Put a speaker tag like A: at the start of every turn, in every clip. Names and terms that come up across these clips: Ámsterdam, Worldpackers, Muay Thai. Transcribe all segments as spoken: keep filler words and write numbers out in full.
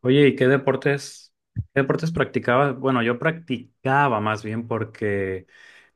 A: Oye, ¿y qué deportes, qué deportes practicabas? Bueno, yo practicaba más bien porque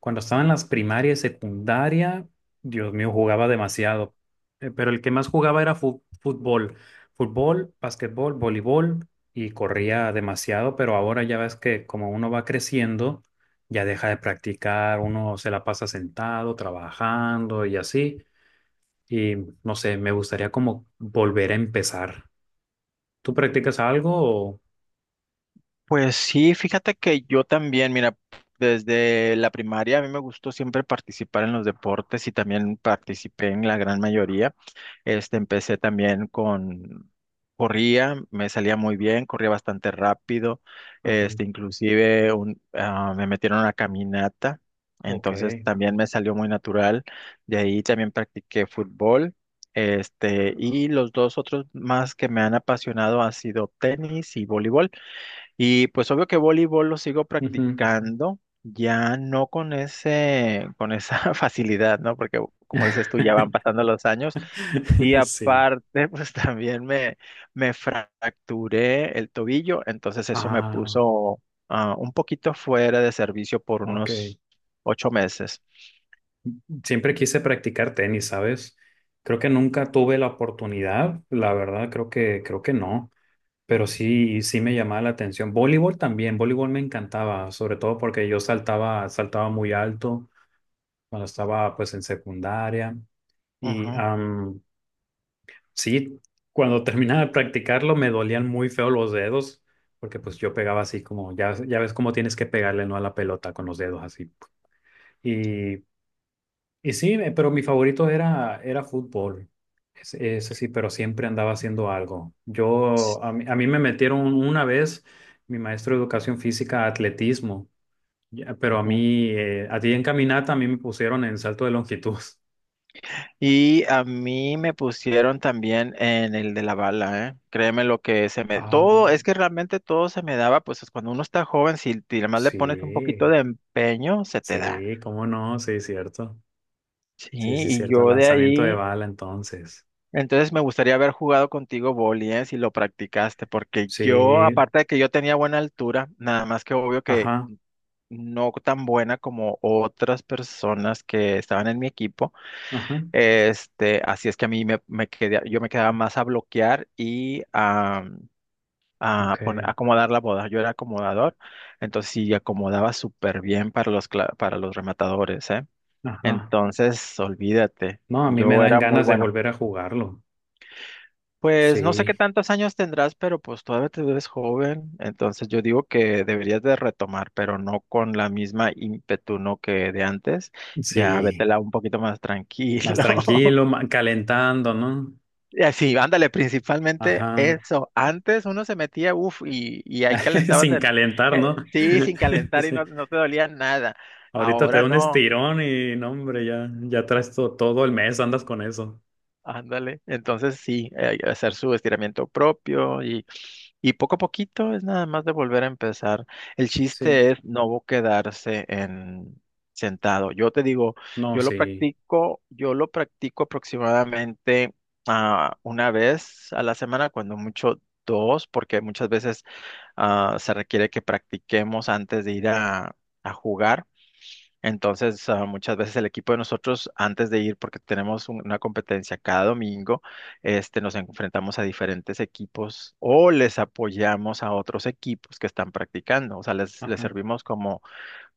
A: cuando estaba en las primarias y secundaria, Dios mío, jugaba demasiado. Eh, Pero el que más jugaba era fu- fútbol. Fútbol, básquetbol, voleibol y corría demasiado, pero ahora ya ves que como uno va creciendo, ya deja de practicar, uno se la pasa sentado, trabajando y así. Y no sé, me gustaría como volver a empezar. ¿Tú practicas algo o...?
B: Pues sí, fíjate que yo también, mira, desde la primaria a mí me gustó siempre participar en los deportes y también participé en la gran mayoría. Este, empecé también con, corría, me salía muy bien, corría bastante rápido.
A: Ujú.
B: Este, inclusive un, ah, me metieron a una caminata,
A: Ok.
B: entonces también me salió muy natural. De ahí también practiqué fútbol. Este, y los dos otros más que me han apasionado han sido tenis y voleibol. Y pues obvio que voleibol lo sigo
A: Ujú.
B: practicando, ya no con ese, con esa facilidad, ¿no? Porque como dices tú, ya van pasando los años. Y
A: Sí.
B: aparte, pues también me, me fracturé el tobillo, entonces eso me
A: Ah,
B: puso ah, un poquito fuera de servicio por
A: ok.
B: unos ocho meses.
A: Siempre quise practicar tenis, ¿sabes? Creo que nunca tuve la oportunidad, la verdad, creo que, creo que no. Pero sí, sí me llamaba la atención. Voleibol también, voleibol me encantaba, sobre todo porque yo saltaba, saltaba muy alto cuando estaba pues en secundaria. Y
B: Ujú,
A: am, Sí, cuando terminaba de practicarlo me dolían muy feo los dedos, porque pues yo pegaba así como, ya, ya ves cómo tienes que pegarle, ¿no? A la pelota con los dedos así. Y, y sí, eh, pero mi favorito era, era fútbol, ese, ese sí, pero siempre andaba haciendo algo.
B: s-
A: Yo, a mí, a mí me metieron una vez, mi maestro de educación física, a atletismo, ya, pero a
B: ujú.
A: mí, eh, a ti en caminata, a mí me pusieron en salto de longitud.
B: Y a mí me pusieron también en el de la bala, ¿eh? Créeme lo que se me... Todo,
A: Ah,
B: es que realmente todo se me daba, pues es cuando uno está joven, si te- además le pones un poquito
A: sí,
B: de empeño, se te da.
A: sí, cómo no, sí, cierto.
B: Sí,
A: Sí, sí,
B: y
A: cierto, el
B: yo de
A: lanzamiento de
B: ahí,
A: bala entonces.
B: entonces me gustaría haber jugado contigo boli, ¿eh? Si lo practicaste, porque yo,
A: Sí,
B: aparte de que yo tenía buena altura, nada más que obvio que
A: ajá,
B: no tan buena como otras personas que estaban en mi equipo.
A: ajá,
B: Este, así es que a mí me, me quedé, yo me quedaba más a bloquear y a, a
A: ok,
B: poner- a acomodar la boda. Yo era acomodador, entonces sí acomodaba súper bien para los, cla- para los rematadores, ¿eh?
A: ajá.
B: Entonces, olvídate,
A: No, a mí me
B: yo
A: dan
B: era muy
A: ganas de
B: bueno.
A: volver a jugarlo.
B: Pues no sé qué
A: Sí,
B: tantos años tendrás, pero pues todavía te ves joven, entonces yo digo que deberías de retomar, pero no con la misma ímpetu, ¿no? que de antes. Ya
A: sí,
B: vétela un poquito más
A: más
B: tranquilo.
A: tranquilo, ma- calentando, ¿no?
B: Eh, Sí, ándale, principalmente
A: Ajá,
B: eso. Antes uno se metía, uff, y, y ahí calentabas
A: sin
B: en,
A: calentar, ¿no?
B: eh, sí, sin calentar y
A: Sí.
B: no, no te dolía nada.
A: Ahorita te da
B: Ahora
A: un
B: no.
A: estirón y no, hombre, ya, ya traes to- todo el mes, andas con eso.
B: Ándale, entonces sí, eh, hacer su estiramiento propio y, y poco a poquito es nada más de volver a empezar. El
A: Sí,
B: chiste es no quedarse en sentado. Yo te digo,
A: no,
B: yo lo
A: sí,
B: practico, yo lo practico aproximadamente ah, una vez a la semana, cuando mucho dos, porque muchas veces ah, se requiere que practiquemos antes de ir a, a jugar. Entonces, ah, muchas veces el equipo de nosotros, antes de ir, porque tenemos un- una competencia cada domingo, este, nos enfrentamos a diferentes equipos o les apoyamos a otros equipos que están practicando, o sea, les, les
A: ajá,
B: servimos como,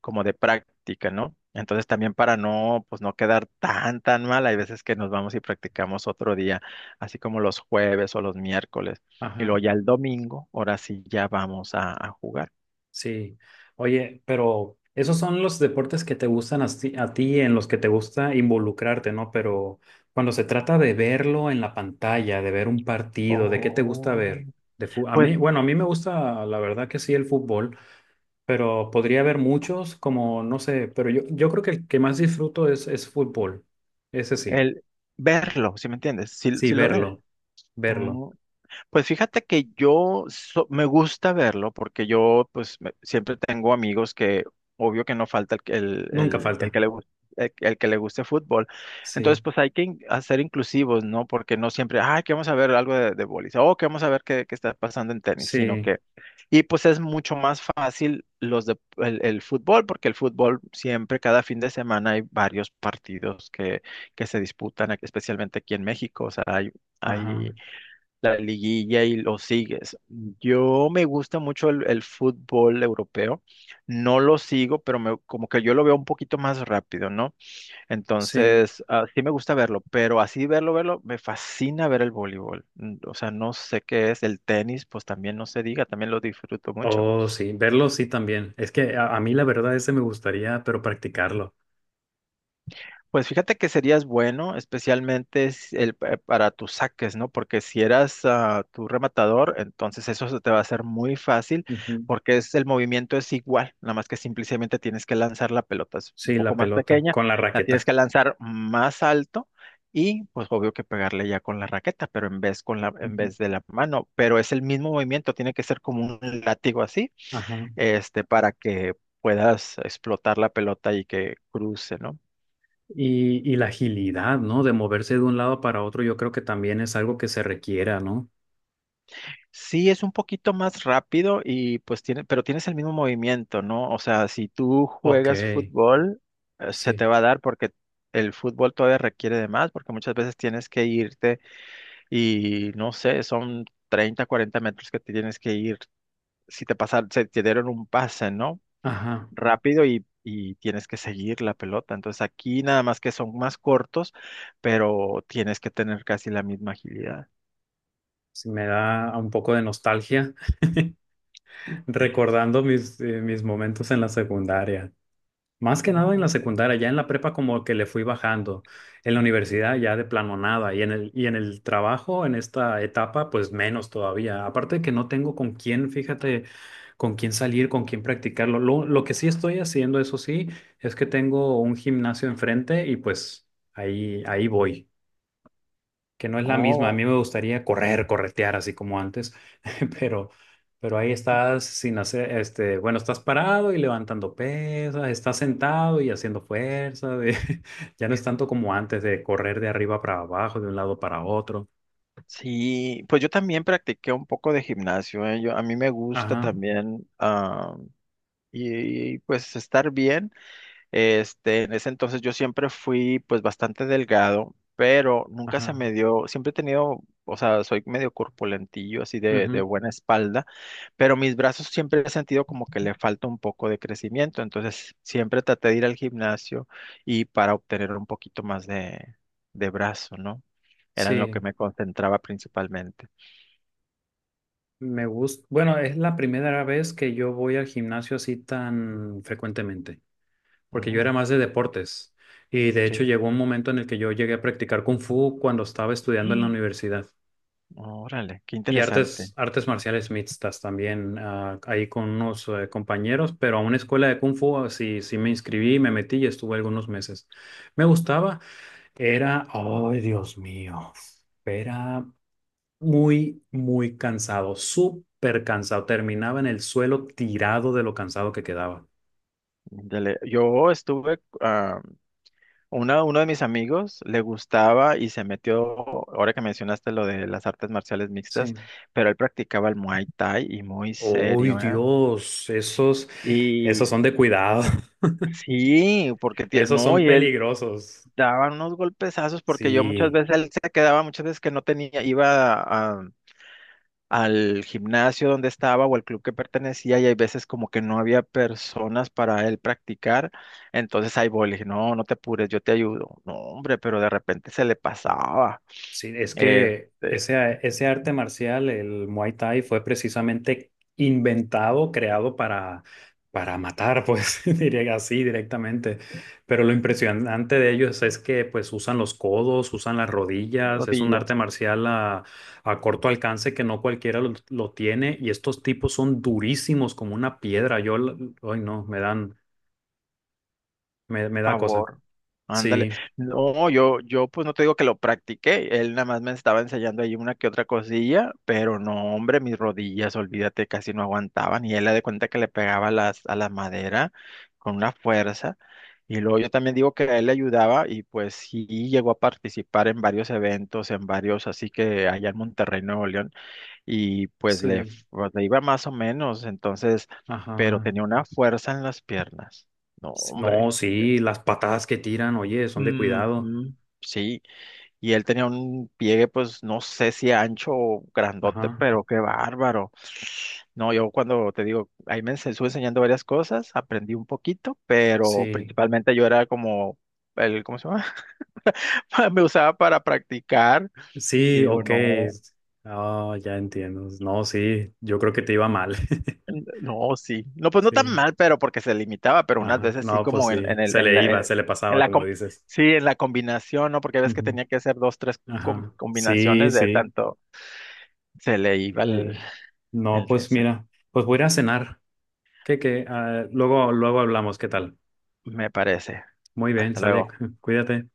B: como de práctica, ¿no? Entonces, también para no, pues, no quedar tan, tan mal, hay veces que nos vamos y practicamos otro día, así como los jueves o los miércoles, y luego
A: ajá.
B: ya el domingo, ahora sí ya vamos a a jugar.
A: Sí, oye, pero esos son los deportes que te gustan a ti, a ti, en los que te gusta involucrarte, ¿no? Pero cuando se trata de verlo en la pantalla, de ver un partido, ¿de qué te gusta ver?
B: Oh,
A: De fu- a mí, bueno, a mí me gusta, la verdad que sí, el fútbol, pero podría haber muchos, como, no sé, pero yo, yo creo que el que más disfruto es, es fútbol, ese sí,
B: el verlo, ¿sí me entiendes? Sí,
A: sí,
B: sí lo ver.
A: verlo, verlo,
B: Mm, pues fíjate que yo so- me gusta verlo porque yo pues me- siempre tengo amigos que obvio que no falta el, que- el,
A: nunca
B: el- el
A: falta,
B: que le guste. El, el que le guste fútbol. Entonces,
A: sí,
B: pues hay que in- hacer inclusivos, ¿no? Porque no siempre, ay, que vamos a ver algo de, de bolis, o que vamos a ver qué, qué está pasando en tenis, sino
A: sí,
B: que, y pues es mucho más fácil los de, el, el fútbol, porque el fútbol siempre, cada fin de semana hay varios partidos que, que se disputan, especialmente aquí en México, o sea, hay, hay
A: ajá,
B: la liguilla y lo sigues. Yo me gusta mucho el, el fútbol europeo, no lo sigo, pero me- como que yo lo veo un poquito más rápido, ¿no?
A: sí.
B: Entonces, ah, sí me gusta verlo, pero así verlo, verlo, me fascina ver el voleibol. Mm. O sea, no sé qué es el tenis, pues también no se diga, también lo disfruto mucho.
A: Oh, sí, verlo sí también. Es que a, a mí la verdad ese me gustaría, pero practicarlo.
B: Pues fíjate que serías bueno, especialmente si- el- pa- para tus saques, ¿no? Porque si eras ah, tu rematador, entonces eso se te va a hacer muy fácil,
A: Ujú.
B: porque es el movimiento es igual, nada más que simplemente tienes que lanzar la pelota es un
A: Sí, la
B: poco más
A: pelota,
B: pequeña,
A: con la
B: la tienes
A: raqueta.
B: que lanzar más alto y, pues, obvio que pegarle ya con la raqueta, pero en vez con la, en
A: Ujú.
B: vez de la mano, pero es el mismo movimiento, tiene que ser como un látigo así,
A: Ajá.
B: este, para que puedas explotar la pelota y que cruce, ¿no?
A: Y, y la agilidad, ¿no? De moverse de un lado para otro, yo creo que también es algo que se requiera, ¿no?
B: Sí, es un poquito más rápido y pues tiene, pero tienes el mismo movimiento, ¿no? O sea, si tú
A: Ok,
B: juegas fútbol, eh, se te
A: sí.
B: va a dar porque el fútbol todavía requiere de más, porque muchas veces tienes que irte y no sé, son treinta, cuarenta metros que te tienes que ir. Si te pasaron, se te dieron un pase, ¿no?
A: Ajá.
B: Rápido y, y tienes que seguir la pelota. Entonces aquí nada más que son más cortos, pero tienes que tener casi la misma agilidad.
A: Sí, me da un poco de nostalgia recordando mis, eh, mis momentos en la secundaria. Más que nada en la
B: No.
A: secundaria, ya en la prepa como que le fui bajando, en la universidad ya de plano nada y en el, y en el trabajo en esta etapa pues menos todavía. Aparte de que no tengo con quién, fíjate, con quién salir, con quién practicarlo. Lo, lo que sí estoy haciendo, eso sí, es que tengo un gimnasio enfrente y pues ahí, ahí voy que no es la misma. A
B: Oh.
A: mí me gustaría correr, corretear así como antes, pero, pero ahí estás sin hacer, este, bueno, estás parado y levantando pesas, estás sentado y haciendo fuerza. De- ya no es tanto como antes de correr de arriba para abajo, de un lado para otro.
B: Sí, pues yo también practiqué un poco de gimnasio, ¿eh? Yo, a mí me gusta
A: Ajá,
B: también ah, y, pues estar bien. Este, en ese entonces yo siempre fui pues bastante delgado, pero nunca se
A: ajá.
B: me dio, siempre he tenido, o sea, soy medio corpulentillo, así de, de
A: Ujú.
B: buena espalda, pero mis brazos siempre he sentido como que le falta un poco de crecimiento, entonces siempre traté de ir al gimnasio y para obtener un poquito más de, de brazo, ¿no? Era en lo que
A: Sí,
B: me concentraba principalmente.
A: me gusta. Bueno, es la primera vez que yo voy al gimnasio así tan frecuentemente, porque yo era
B: Mm,
A: más de deportes. Y de
B: sí.
A: hecho llegó un momento en el que yo llegué a practicar kung fu cuando estaba estudiando en la
B: Y,
A: universidad.
B: órale, qué
A: Y
B: interesante.
A: artes, artes marciales mixtas también, ah, ahí con unos eh, compañeros, pero a una escuela de kung fu, ah, sí, sí me inscribí, me metí y estuve algunos meses. Me gustaba, era, ay Dios mío, era muy, muy cansado, súper cansado, terminaba en el suelo tirado de lo cansado que quedaba.
B: Dale, yo estuve, ah, una- uno de mis amigos le gustaba y se metió, ahora que mencionaste lo de las artes marciales mixtas,
A: Sí.
B: pero él practicaba el Muay Thai y muy
A: Uy,
B: serio, ¿eh?
A: Dios, esos, esos
B: Y
A: son de cuidado,
B: sí, porque tie-
A: esos
B: no,
A: son
B: y él
A: peligrosos.
B: daba unos golpezazos porque yo muchas
A: Sí.
B: veces él se quedaba muchas veces que no tenía, iba a, al gimnasio donde estaba o al club que pertenecía y hay veces como que no había personas para él practicar, entonces ahí voy, le dije, no, no te apures, yo te ayudo. No, hombre, pero de repente se le pasaba.
A: Sí, es que
B: Este,
A: ese, ese arte marcial, el Muay Thai, fue precisamente inventado, creado para, para matar, pues diría así directamente. Pero lo impresionante de ellos es que pues usan los codos, usan las rodillas, es un arte
B: rodillas.
A: marcial a, a corto alcance que no cualquiera lo, lo tiene y estos tipos son durísimos como una piedra. Yo, l- ay no, me dan, me, me da cosa.
B: Favor. Ándale.
A: Sí,
B: No, yo, yo pues no te digo que lo practiqué. Él nada más me estaba enseñando ahí una que otra cosilla, pero no, hombre, mis rodillas, olvídate, casi no aguantaban. Y él le de cuenta que le pegaba a las, a la madera con una fuerza. Y luego yo también digo que a él le ayudaba y pues sí llegó a participar en varios eventos, en varios, así que allá en Monterrey, Nuevo León, y pues le,
A: sí,
B: f- le iba más o menos, entonces, pero
A: ajá.
B: tenía una fuerza en las piernas. No,
A: No,
B: hombre.
A: sí, las patadas que tiran, oye, son de cuidado.
B: Ujú. Sí, y él tenía un pliegue, pues no sé si ancho o grandote,
A: Ajá,
B: pero qué bárbaro. No, yo cuando te digo, ahí me ense- estuve enseñando varias cosas, aprendí un poquito, pero
A: sí,
B: principalmente yo era como el, ¿cómo se llama? Me usaba para practicar. Y
A: sí,
B: digo,
A: ok.
B: no,
A: Ah, ya entiendo. No, sí, yo creo que te iba mal.
B: n- no, sí. No, pues no tan
A: Sí,
B: mal, pero porque se limitaba, pero unas
A: ajá,
B: veces sí
A: no, pues
B: como en, en
A: sí,
B: el,
A: se
B: en
A: le
B: la,
A: iba,
B: en,
A: se le
B: en
A: pasaba,
B: la
A: como
B: com-
A: dices.
B: sí, en la combinación, ¿no? Porque ves que
A: Ujú.
B: tenía que hacer dos, tres com-
A: Ajá, sí,
B: combinaciones de
A: sí.
B: tanto. Se le iba el,
A: eh, No,
B: el de
A: pues
B: ese,
A: mira, pues voy a ir a cenar. ¿Qué, qué? Ah, luego, luego hablamos, ¿qué tal?
B: me parece.
A: Muy bien,
B: Hasta
A: sale,
B: luego.
A: cuídate.